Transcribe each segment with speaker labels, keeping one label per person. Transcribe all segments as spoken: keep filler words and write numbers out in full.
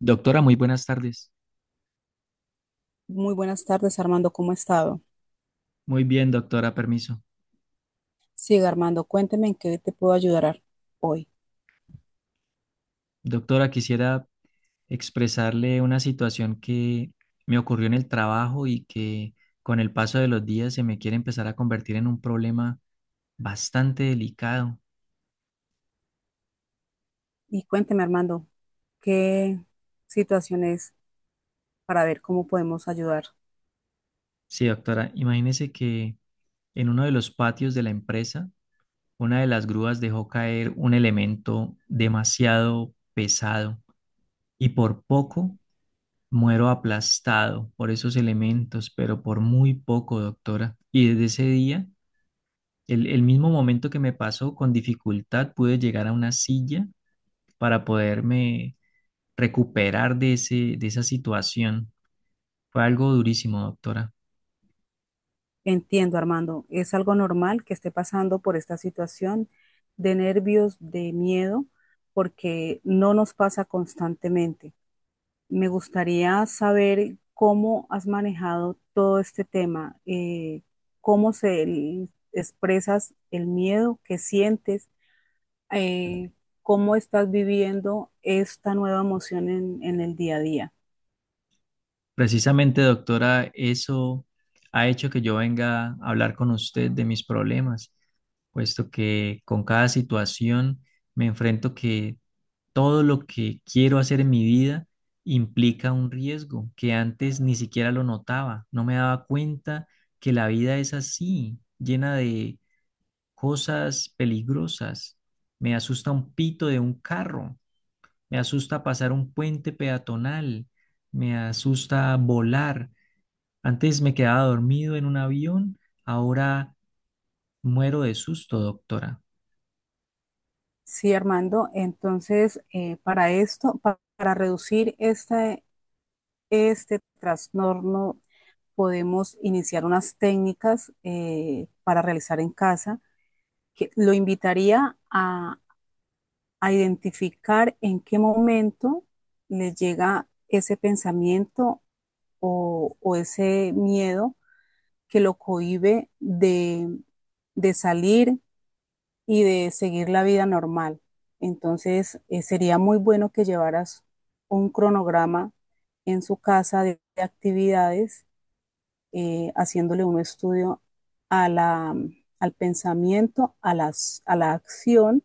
Speaker 1: Doctora, muy buenas tardes.
Speaker 2: Muy buenas tardes, Armando. ¿Cómo ha estado?
Speaker 1: Muy bien, doctora, permiso.
Speaker 2: Siga, Armando. Cuénteme en qué te puedo ayudar ar- hoy.
Speaker 1: Doctora, quisiera expresarle una situación que me ocurrió en el trabajo y que con el paso de los días se me quiere empezar a convertir en un problema bastante delicado.
Speaker 2: Y cuénteme, Armando, qué situación es para ver cómo podemos ayudar.
Speaker 1: Sí, doctora, imagínese que en uno de los patios de la empresa, una de las grúas dejó caer un elemento demasiado pesado y por poco muero aplastado por esos elementos, pero por muy poco, doctora. Y desde ese día, el, el mismo momento que me pasó, con dificultad pude llegar a una silla para poderme recuperar de ese, de esa situación. Fue algo durísimo, doctora.
Speaker 2: Entiendo, Armando. Es algo normal que esté pasando por esta situación de nervios, de miedo, porque no nos pasa constantemente. Me gustaría saber cómo has manejado todo este tema, eh, cómo se expresas el miedo que sientes eh, cómo estás viviendo esta nueva emoción en, en el día a día.
Speaker 1: Precisamente, doctora, eso ha hecho que yo venga a hablar con usted de mis problemas, puesto que con cada situación me enfrento que todo lo que quiero hacer en mi vida implica un riesgo que antes ni siquiera lo notaba, no me daba cuenta que la vida es así, llena de cosas peligrosas. Me asusta un pito de un carro, me asusta pasar un puente peatonal, me asusta volar. Antes me quedaba dormido en un avión, ahora muero de susto, doctora.
Speaker 2: Sí, Armando, entonces eh, para esto, pa- para reducir este, este trastorno, podemos iniciar unas técnicas eh, para realizar en casa que lo invitaría a, a identificar en qué momento les llega ese pensamiento o, o ese miedo que lo cohíbe de, de salir y de seguir la vida normal. Entonces, eh, sería muy bueno que llevaras un cronograma en su casa de, de actividades, eh, haciéndole un estudio a la, mm, al pensamiento, a, las, a la acción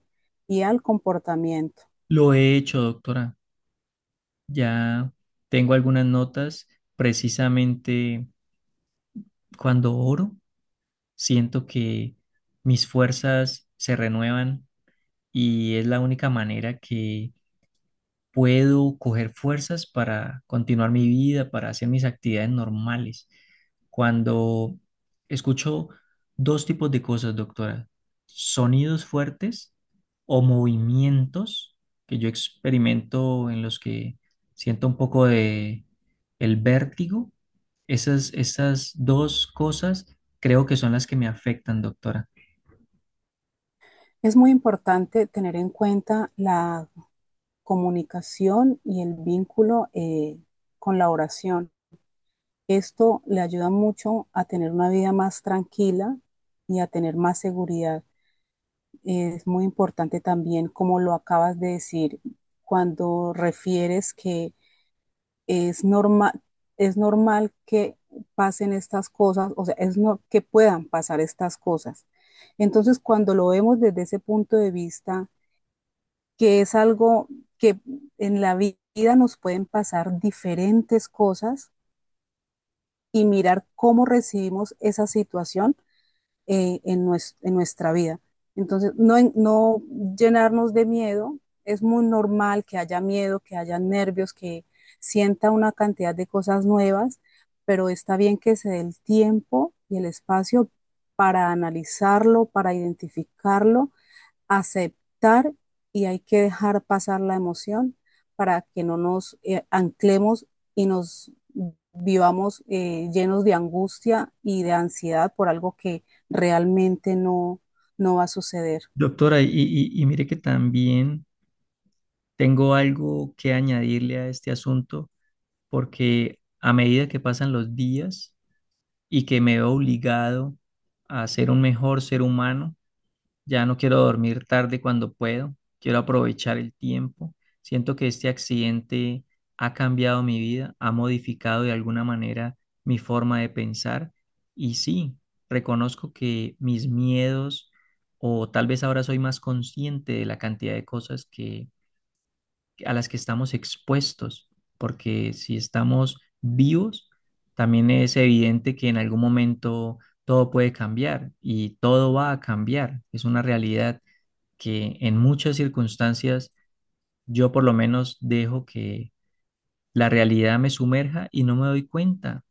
Speaker 2: y al comportamiento.
Speaker 1: Lo he hecho, doctora. Ya tengo algunas notas. Precisamente cuando oro, siento que mis fuerzas se renuevan y es la única manera que puedo coger fuerzas para continuar mi vida, para hacer mis actividades normales. Cuando escucho dos tipos de cosas, doctora, sonidos fuertes o movimientos que yo experimento en los que siento un poco de el vértigo, esas, esas dos cosas creo que son las que me afectan, doctora.
Speaker 2: Es muy importante tener en cuenta la comunicación y el vínculo eh, con la oración. Esto le ayuda mucho a tener una vida más tranquila y a tener más seguridad. Es muy importante también, como lo acabas de decir, cuando refieres que es normal, es normal que pasen estas cosas, o sea, es no, que puedan pasar estas cosas. Entonces, cuando lo vemos desde ese punto de vista, que es algo que en la vida nos pueden pasar diferentes cosas y mirar cómo recibimos esa situación eh, en, nuestro, en, nuestra vida. Entonces, no, no llenarnos de miedo, es muy normal que haya miedo, que haya nervios, que sienta una cantidad de cosas nuevas, pero está bien que se dé el tiempo y el espacio para analizarlo, para identificarlo aceptar y hay que dejar pasar la emoción para que no nos eh, anclemos y nos vivamos eh, llenos de angustia y de ansiedad por algo que realmente no, no va a suceder.
Speaker 1: Doctora, y, y- y mire que también tengo algo que añadirle a este asunto porque a medida que pasan los días y que me veo obligado a ser un mejor ser humano, ya no quiero dormir tarde cuando puedo, quiero aprovechar el tiempo. Siento que este accidente ha cambiado mi vida, ha modificado de alguna manera mi forma de pensar y sí, reconozco que mis miedos o tal vez ahora soy más consciente de la cantidad de cosas que a las que estamos expuestos, porque si estamos vivos, también es evidente que en algún momento todo puede cambiar y todo va a cambiar. Es una realidad que en muchas circunstancias yo por lo menos dejo que la realidad me sumerja y no me doy cuenta.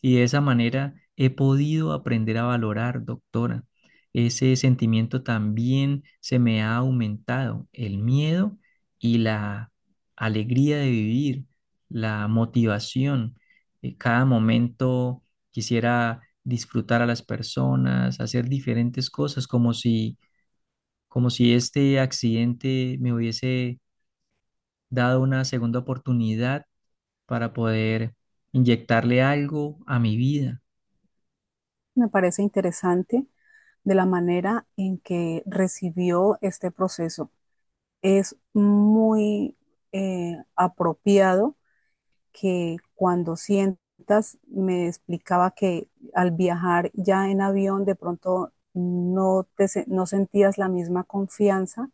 Speaker 1: Y de esa manera he podido aprender a valorar, doctora. Ese sentimiento también se me ha aumentado, el miedo y la alegría de vivir, la motivación. Eh, Cada momento quisiera disfrutar a las personas, hacer diferentes cosas, como si, como si este accidente me hubiese dado una segunda oportunidad para poder inyectarle algo a mi vida.
Speaker 2: Me parece interesante de la manera en que recibió este proceso. Es muy eh, apropiado que cuando sientas, me explicaba que al viajar ya en avión de pronto no, te, no sentías la misma confianza,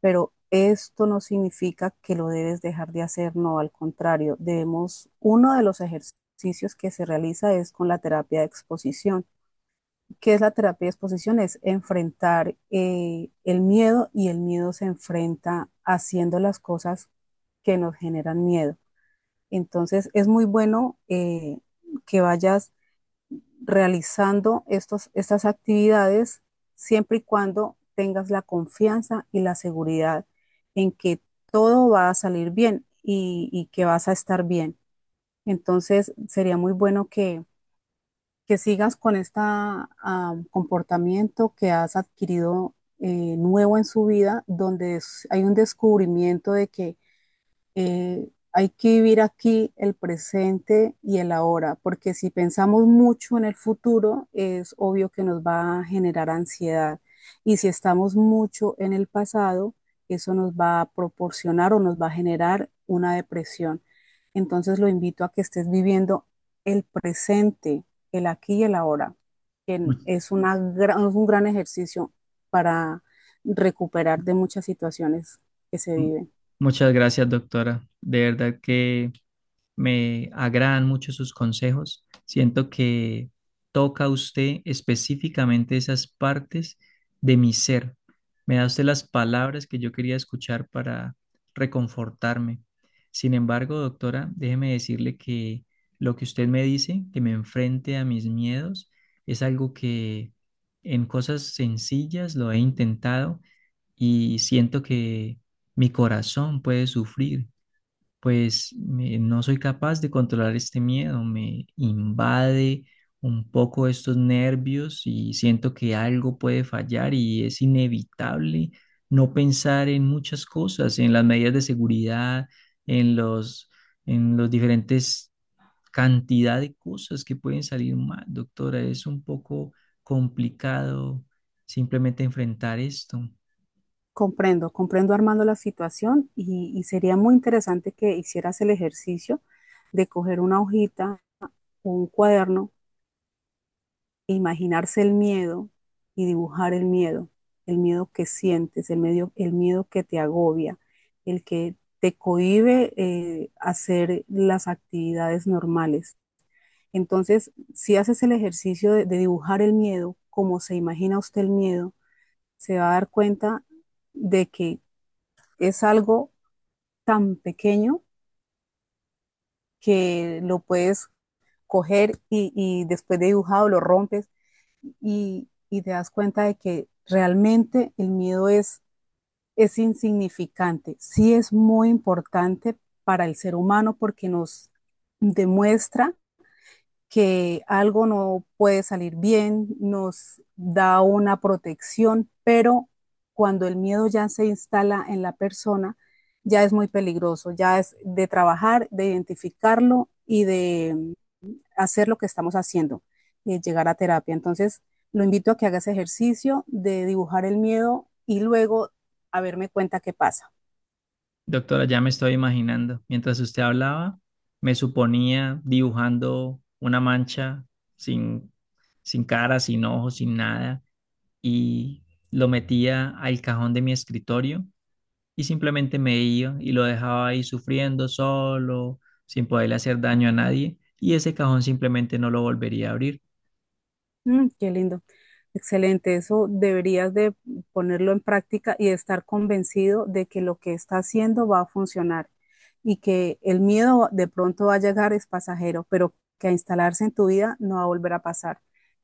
Speaker 2: pero esto no significa que lo debes dejar de hacer, no, al contrario, debemos, uno de los ejercicios que se realiza es con la terapia de exposición. ¿Qué es la terapia de exposición? Es enfrentar eh, el miedo y el miedo se enfrenta haciendo las cosas que nos generan miedo. Entonces es muy bueno eh, que vayas realizando estos, estas actividades siempre y cuando tengas la confianza y la seguridad en que todo va a salir bien y, y que vas a estar bien. Entonces sería muy bueno que, que sigas con este uh, comportamiento que has adquirido eh, nuevo en su vida, donde hay un descubrimiento de que eh, hay que vivir aquí el presente y el ahora, porque si pensamos mucho en el futuro, es obvio que nos va a generar ansiedad. Y si estamos mucho en el pasado, eso nos va a proporcionar o nos va a generar una depresión. Entonces lo invito a que estés viviendo el presente, el aquí y el ahora,
Speaker 1: Mu-
Speaker 2: que es una gran- es un gran ejercicio para recuperar de muchas situaciones que se viven.
Speaker 1: Muchas gracias, doctora. De verdad que... Me agradan mucho sus consejos. Siento que toca usted específicamente esas partes de mi ser. Me da usted las palabras que yo quería escuchar para reconfortarme. Sin embargo, doctora, déjeme decirle que lo que usted me dice, que me enfrente a mis miedos, es algo que en cosas sencillas lo he intentado y siento que mi corazón puede sufrir pues me- no soy capaz de controlar este miedo, me invade un poco estos nervios y siento que algo puede fallar y es inevitable no pensar en muchas cosas, en las medidas de seguridad, en los, en los diferentes cantidad de cosas que pueden salir mal, doctora. Es un poco complicado simplemente enfrentar esto.
Speaker 2: Comprendo, comprendo Armando la situación y, y sería muy interesante que hicieras el ejercicio de coger una hojita o un cuaderno, e imaginarse el miedo y dibujar el miedo, el miedo que sientes, el medio- el miedo que te agobia, el que te cohíbe eh, hacer las actividades normales. Entonces, si haces el ejercicio de, de dibujar el miedo, como se imagina usted el miedo, se va a dar cuenta de que es algo tan pequeño que lo puedes coger y, y después de dibujado lo rompes y, y, te das cuenta de que realmente el miedo es, es insignificante. Sí es muy importante para el ser humano porque nos demuestra que algo no puede salir bien, nos da una protección, pero cuando el miedo ya se instala en la persona, ya es muy peligroso, ya es de trabajar, de identificarlo y de hacer lo que estamos haciendo, de llegar a terapia. Entonces, lo invito a que haga ese ejercicio de dibujar el miedo y luego a verme cuenta qué pasa.
Speaker 1: Doctora, ya me estoy imaginando. Mientras usted hablaba, me suponía dibujando una mancha sin, sin cara, sin ojos, sin nada, y lo metía al cajón de mi escritorio y simplemente me iba y lo dejaba ahí sufriendo solo, sin poderle hacer daño a nadie, y ese cajón simplemente no lo volvería a abrir.
Speaker 2: Mm, qué lindo. Excelente. Eso deberías de ponerlo en práctica y estar convencido de que lo que está haciendo va a funcionar y que el miedo de pronto va a llegar es pasajero, pero que a instalarse en tu vida no va a volver a pasar.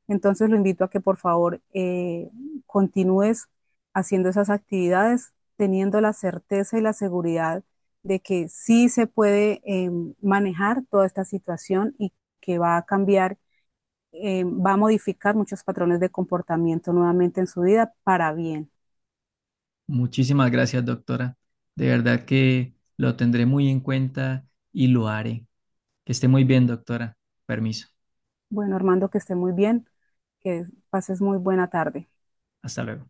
Speaker 2: Entonces lo invito a que por favor eh, continúes haciendo esas actividades, teniendo la certeza y la seguridad de que sí se puede em, manejar toda esta situación y que va a cambiar eh, va a modificar muchos patrones de comportamiento nuevamente en su vida para bien.
Speaker 1: Muchísimas gracias, doctora. De verdad que lo tendré muy en cuenta y lo haré. Que esté muy bien, doctora. Permiso.
Speaker 2: Bueno, Armando, que esté muy bien, que pases muy buena tarde.
Speaker 1: Hasta luego.